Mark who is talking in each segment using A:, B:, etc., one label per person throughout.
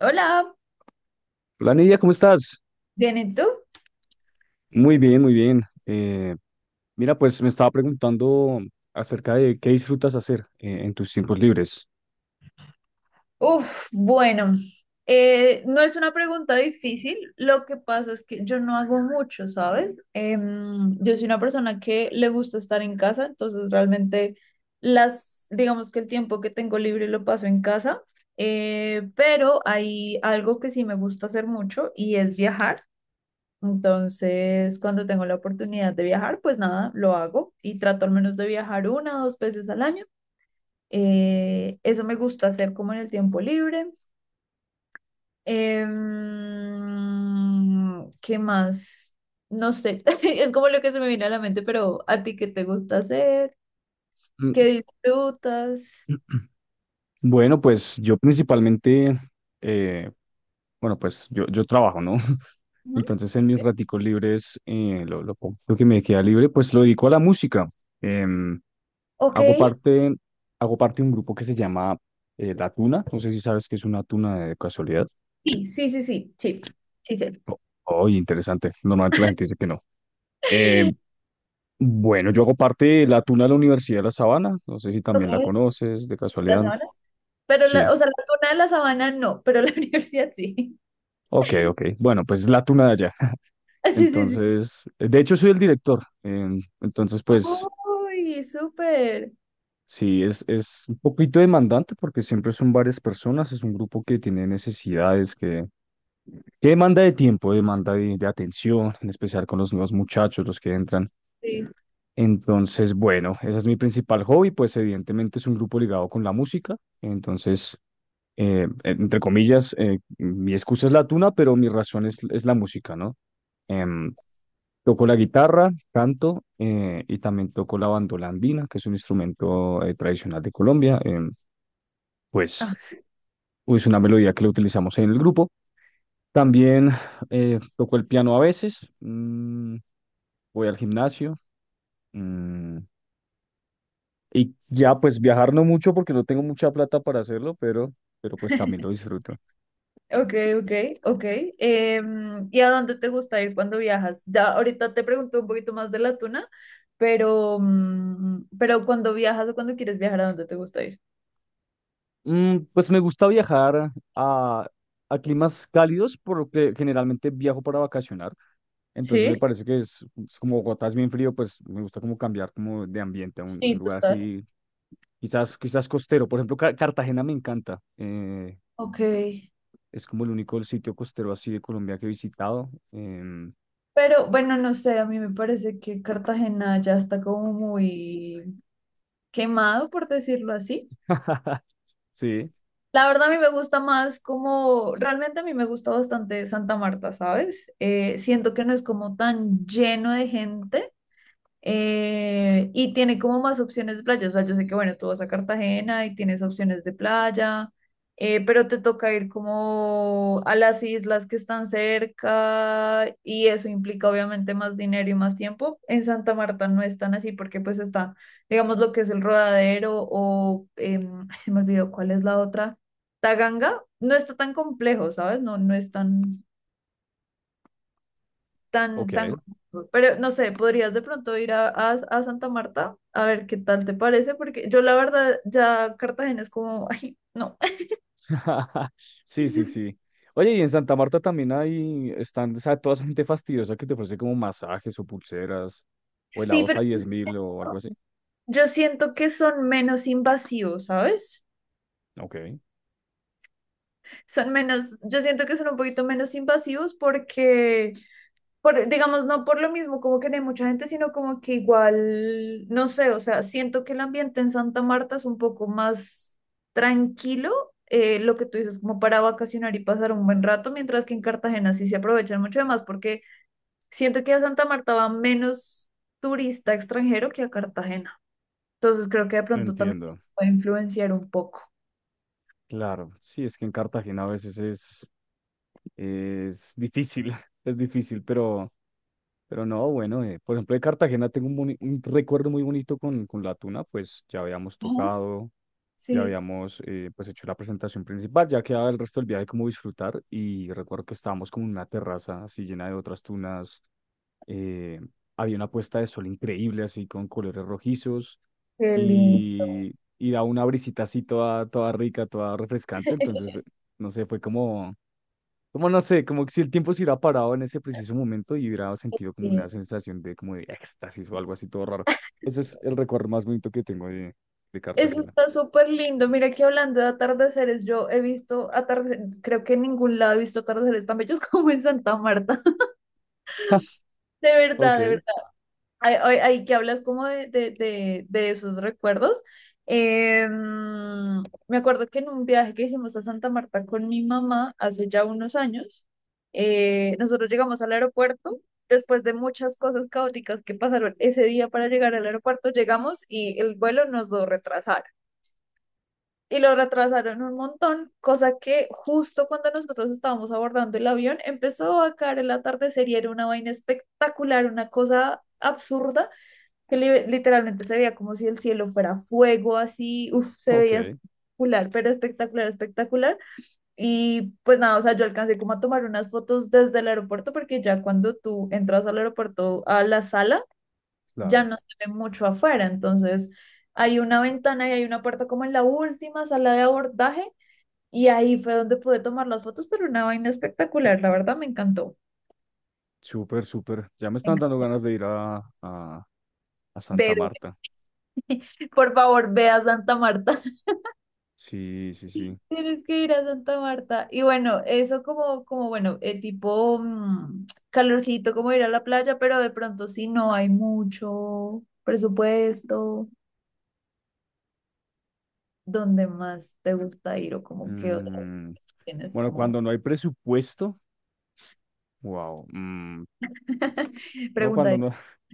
A: Hola,
B: Hola Nidia, ¿cómo estás?
A: ¿bien y tú?
B: Muy bien, muy bien. Mira, pues me estaba preguntando acerca de qué disfrutas hacer en tus tiempos libres.
A: Uf, bueno, no es una pregunta difícil, lo que pasa es que yo no hago mucho, ¿sabes? Yo soy una persona que le gusta estar en casa, entonces realmente las, digamos que el tiempo que tengo libre lo paso en casa, pero hay algo que sí me gusta hacer mucho y es viajar. Entonces, cuando tengo la oportunidad de viajar, pues nada, lo hago y trato al menos de viajar una o dos veces al año. Eso me gusta hacer como en el tiempo libre. ¿Qué más? No sé, es como lo que se me viene a la mente, pero ¿a ti qué te gusta hacer? ¿Qué
B: Mm.
A: disfrutas?
B: Bueno, pues yo principalmente, eh, bueno, pues yo trabajo, ¿no?
A: Ujú.
B: Entonces en mis raticos libres, lo poco que me queda libre, pues lo dedico a la música. Em,
A: Ok,
B: hago parte, hago parte de un grupo que se llama La Tuna, no sé si sabes qué es una tuna de casualidad.
A: sí, sí, sí, sí, sí, sí, sé.
B: O- Oye, interesante. Normalmente la gente dice que no. Eh, bueno, yo hago parte de la Tuna de la Universidad de La Sabana. No sé si también la
A: Ok,
B: conoces, de
A: la
B: casualidad.
A: sabana. Pero, la,
B: Sí.
A: o sea, la tuna de la sabana no, pero la universidad sí.
B: Ok, ok. Bueno, pues es la Tuna de allá.
A: Ah, sí, sí, sí.
B: Entonces, de hecho, soy el director. Entonces, pues
A: ¡Ay, súper!
B: sí, es un poquito demandante porque siempre son varias personas. Es un grupo que tiene necesidades que demanda de tiempo, demanda de atención, en especial con los nuevos muchachos, los que entran.
A: Sí.
B: Entonces, bueno, ese es mi principal hobby, pues evidentemente es un grupo ligado con la música, entonces, entre comillas, mi excusa es la tuna, pero mi razón es la música, ¿no? Em, toco la guitarra, canto y también toco la bandola andina, que es un instrumento tradicional de Colombia. Pues es una melodía que la utilizamos en el grupo. También toco el piano a veces. Mm, voy al gimnasio. Mm, y ya, pues viajar no mucho porque no tengo mucha plata para hacerlo, pero pues también lo disfruto.
A: Ok, ok, ok. ¿Y a dónde te gusta ir cuando viajas? Ya ahorita te pregunto un poquito más de la tuna, pero, pero cuando viajas o cuando quieres viajar, ¿a dónde te gusta ir?
B: Mm, pues me gusta viajar a climas cálidos, por lo que generalmente viajo para vacacionar. Entonces
A: Sí,
B: me parece que es como Bogotá es bien frío, pues me gusta como cambiar como de ambiente a un
A: sí,
B: lugar
A: total.
B: así, quizás, quizás costero. Por ejemplo, Cartagena me encanta.
A: Ok.
B: Es como el único sitio costero así de Colombia que he visitado. Em,
A: Pero bueno, no sé, a mí me parece que Cartagena ya está como muy quemado, por decirlo así.
B: sí,
A: La verdad, a mí me gusta más como, realmente a mí me gusta bastante Santa Marta, ¿sabes? Siento que no es como tan lleno de gente y tiene como más opciones de playa. O sea, yo sé que, bueno, tú vas a Cartagena y tienes opciones de playa, pero te toca ir como a las islas que están cerca y eso implica obviamente más dinero y más tiempo. En Santa Marta no es tan así porque pues está, digamos, lo que es el Rodadero o, ay, se me olvidó cuál es la otra, Taganga. No está tan complejo, ¿sabes? No, no es tan tan,
B: ok.
A: tan costoso. Pero no sé, podrías de pronto ir a, a Santa Marta a ver qué tal te parece, porque yo la verdad ya Cartagena es como, ay, no.
B: Sí, sí, sí. Oye, y en Santa Marta también hay, están, o sea, toda esa gente fastidiosa que te ofrece como masajes o pulseras o helados a 10.000 o algo así.
A: Yo siento que son menos invasivos, ¿sabes?
B: Ok,
A: Son menos, yo siento que son un poquito menos invasivos porque digamos, no por lo mismo, como que no hay mucha gente, sino como que igual, no sé, o sea, siento que el ambiente en Santa Marta es un poco más tranquilo, lo que tú dices, como para vacacionar y pasar un buen rato, mientras que en Cartagena sí se aprovechan mucho más, porque siento que a Santa Marta va menos turista extranjero que a Cartagena. Entonces creo que de pronto también
B: entiendo.
A: puede influenciar un poco.
B: Claro, sí, es que en Cartagena a veces es difícil, es difícil, pero no, bueno, por ejemplo, de Cartagena tengo un recuerdo muy bonito con la tuna, pues ya habíamos
A: Ajá.
B: tocado. Ya
A: Sí,
B: habíamos pues hecho la presentación principal, ya quedaba el resto del viaje como disfrutar y recuerdo que estábamos como en una terraza así llena de otras tunas. eh, Había una puesta de sol increíble así con colores rojizos
A: qué lindo.
B: y, y da una brisita así toda, toda rica, toda refrescante. Entonces no sé, fue como, como no sé, como que si el tiempo se hubiera parado en ese preciso momento y hubiera sentido como una sensación de como de éxtasis o algo así todo raro. Ese es el recuerdo más bonito que tengo de
A: Eso
B: Cartagena.
A: está súper lindo. Mira que hablando de atardeceres, yo he visto atardeceres, creo que en ningún lado he visto atardeceres tan bellos como en Santa Marta. De
B: Ok.
A: verdad, de verdad. Ay, ay, ay, que hablas como de esos recuerdos. Me acuerdo que en un viaje que hicimos a Santa Marta con mi mamá hace ya unos años, nosotros llegamos al aeropuerto. Después de muchas cosas caóticas que pasaron ese día para llegar al aeropuerto, llegamos y el vuelo nos lo retrasaron. Y lo retrasaron un montón, cosa que justo cuando nosotros estábamos abordando el avión empezó a caer el atardecer y era una vaina espectacular, una cosa absurda, que literalmente se veía como si el cielo fuera fuego, así, uff, se veía
B: Ok,
A: espectacular, pero espectacular, espectacular. Y pues nada, o sea, yo alcancé como a tomar unas fotos desde el aeropuerto, porque ya cuando tú entras al aeropuerto, a la sala, ya
B: claro.
A: no se ve mucho afuera, entonces hay una ventana y hay una puerta como en la última sala de abordaje y ahí fue donde pude tomar las fotos, pero una vaina espectacular, la verdad me encantó.
B: Súper, súper. Ya me
A: Me
B: están
A: enc-
B: dando ganas de ir a, a
A: Ve,
B: Santa Marta.
A: ve. Por favor, ve a Santa Marta.
B: Sí, sí, sí.
A: Tienes que ir a Santa Marta. Y bueno, eso como, como bueno, tipo calorcito, como ir a la playa, pero de pronto si no hay mucho presupuesto, ¿dónde más te gusta ir o como qué otra
B: Mm,
A: tienes
B: bueno,
A: como
B: cuando no hay presupuesto, wow. Mm, no,
A: pregunta?
B: cuando no.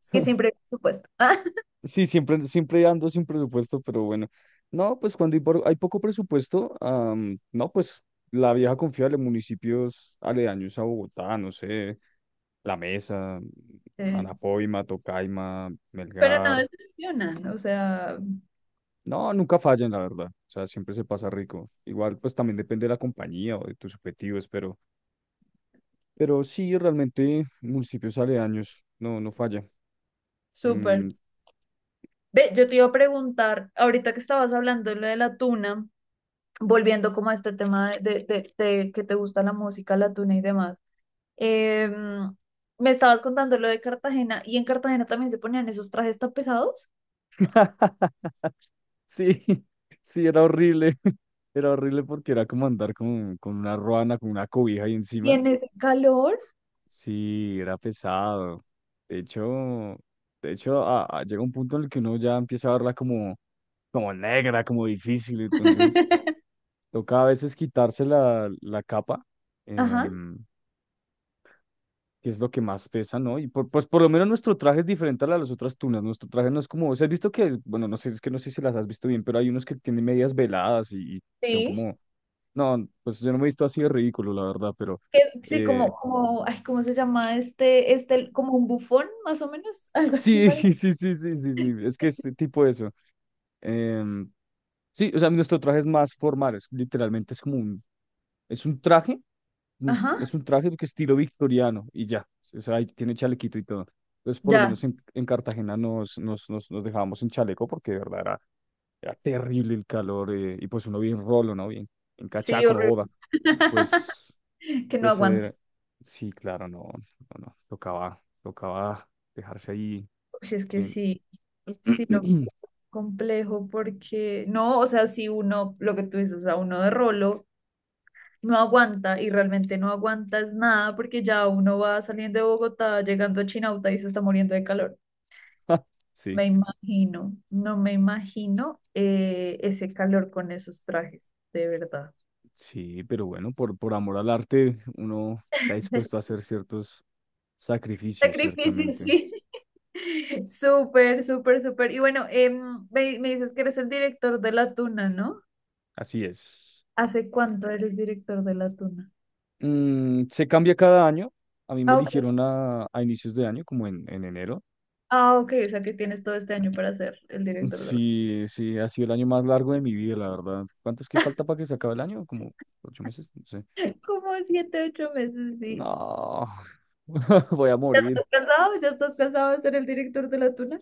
A: Es que siempre hay presupuesto.
B: Sí, siempre, siempre ando sin presupuesto, pero bueno. No, pues cuando hay, hay poco presupuesto, no, pues la vieja confiable, municipios aledaños a Bogotá, no sé, La Mesa,
A: Sí.
B: Anapoima, Tocaima,
A: Pero no
B: Melgar.
A: decepcionan, o sea,
B: No, nunca fallan, la verdad. O sea, siempre se pasa rico. Igual, pues también depende de la compañía o de tus objetivos, pero sí, realmente municipios aledaños, no, no falla.
A: súper.
B: Mm.
A: Ve, yo te iba a preguntar, ahorita que estabas hablando de lo de la tuna, volviendo como a este tema de, de que te gusta la música, la tuna y demás, em, me estabas contando lo de Cartagena y en Cartagena también se ponían esos trajes tan pesados
B: Sí, sí, era horrible. Era horrible porque era como andar con una ruana, con una cobija ahí
A: y
B: encima.
A: en ese calor,
B: Sí, era pesado. De hecho, de hecho, llega un punto en el que uno ya empieza a verla como, como negra, como difícil. Entonces, toca a veces quitarse la, la capa.
A: ajá,
B: em, que es lo que más pesa, ¿no? Y por, pues por lo menos nuestro traje es diferente a la de las otras tunas. Nuestro traje no es como, o sea, has visto que, bueno, no sé, es que no sé si las has visto bien, pero hay unos que tienen medias veladas y son
A: sí.
B: como, no, pues yo no me he visto así de ridículo, la verdad, pero
A: Que sí,
B: eh,
A: como, como, ay, ¿cómo se llama este, este, como un bufón más o menos, algo así,
B: sí,
A: ¿vale?
B: sí, sí, sí, sí, sí, es que es tipo eso. Em, sí, o sea, nuestro traje es más formal, literalmente es como es un traje,
A: Ajá,
B: es un traje que estilo victoriano y ya, o sea, ahí tiene chalequito y todo. Entonces, por lo
A: ya.
B: menos en Cartagena nos dejábamos en chaleco porque de verdad era, era terrible el calor. Y pues uno bien rolo, ¿no? Bien, en
A: Sí,
B: cachaco, no boda,
A: horrible.
B: pues...
A: Que no
B: Pues
A: aguanta.
B: sí, claro, no, no, no, tocaba, tocaba dejarse ahí
A: Uy, es que
B: en...
A: sí, sí, complejo porque no, o sea, si uno, lo que tú dices, o sea uno de rolo no aguanta y realmente no aguanta es nada porque ya uno va saliendo de Bogotá, llegando a Chinauta y se está muriendo de calor.
B: Ja, sí,
A: Me imagino, no me imagino ese calor con esos trajes, de verdad.
B: sí, pero bueno, por amor al arte, uno está dispuesto a hacer ciertos sacrificios,
A: Sacrificio,
B: ciertamente.
A: sí. Súper, súper, súper. Y bueno, me, me dices que eres el director de La Tuna, ¿no?
B: Así es.
A: ¿Hace cuánto eres director de La Tuna?
B: Mm, se cambia cada año. A mí me
A: Ah, ok,
B: eligieron a inicios de año, como en enero.
A: ah, ok, o sea que tienes todo este año para ser el director de la
B: Sí, sí, ha sido el año más largo de mi vida, la verdad. ¿Cuánto es que falta para que se acabe el año? Como 8 meses, no sé.
A: como siete, ocho meses, sí.
B: No, voy a
A: ¿Ya
B: morir.
A: estás casado? ¿Ya estás casado de ser el director de la tuna?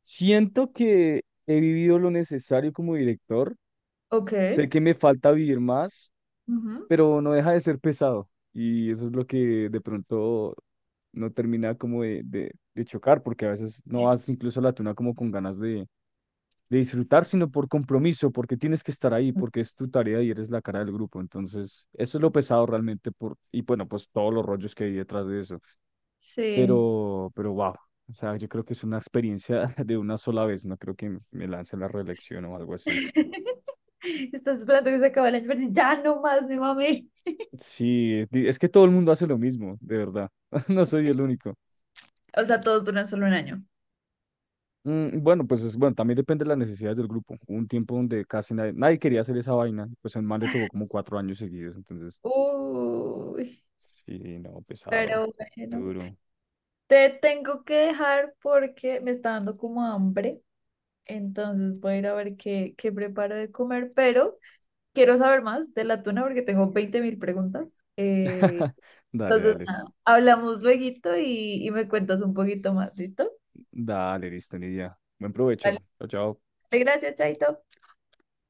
B: Siento que he vivido lo necesario como director.
A: Ok.
B: Sé que me falta vivir más,
A: Ujú.
B: pero no deja de ser pesado. Y eso es lo que de pronto no termina como de chocar, porque a veces no
A: Eh,
B: vas incluso a la tuna como con ganas de disfrutar, sino por compromiso, porque tienes que estar ahí, porque es tu tarea y eres la cara del grupo. Entonces, eso es lo pesado realmente por, y bueno, pues todos los rollos que hay detrás de eso.
A: Sí.
B: Pero wow. O sea, yo creo que es una experiencia de una sola vez, no creo que me lance a la reelección o algo así.
A: Estás esperando que se acabe el año, pero dices, ya no más, mi mami.
B: Sí, es que todo el mundo hace lo mismo, de verdad. No soy el único.
A: O sea, todos duran solo un año.
B: Mm, bueno, pues es, bueno, también depende de las necesidades del grupo. Hubo un tiempo donde casi nadie, nadie quería hacer esa vaina, pues el man le tocó como 4 años seguidos, entonces,
A: Uy,
B: sí, no, pesado,
A: pero bueno.
B: duro.
A: Te tengo que dejar porque me está dando como hambre. Entonces voy a ir a ver qué, qué preparo de comer, pero quiero saber más de la tuna porque tengo 20.000 preguntas. Eh,
B: Dale,
A: entonces,
B: dale,
A: nada, hablamos lueguito y me cuentas un poquito más, ¿listo?
B: dale, listo, Nidia. Buen provecho.
A: Vale,
B: Chao, chao.
A: gracias, Chaito.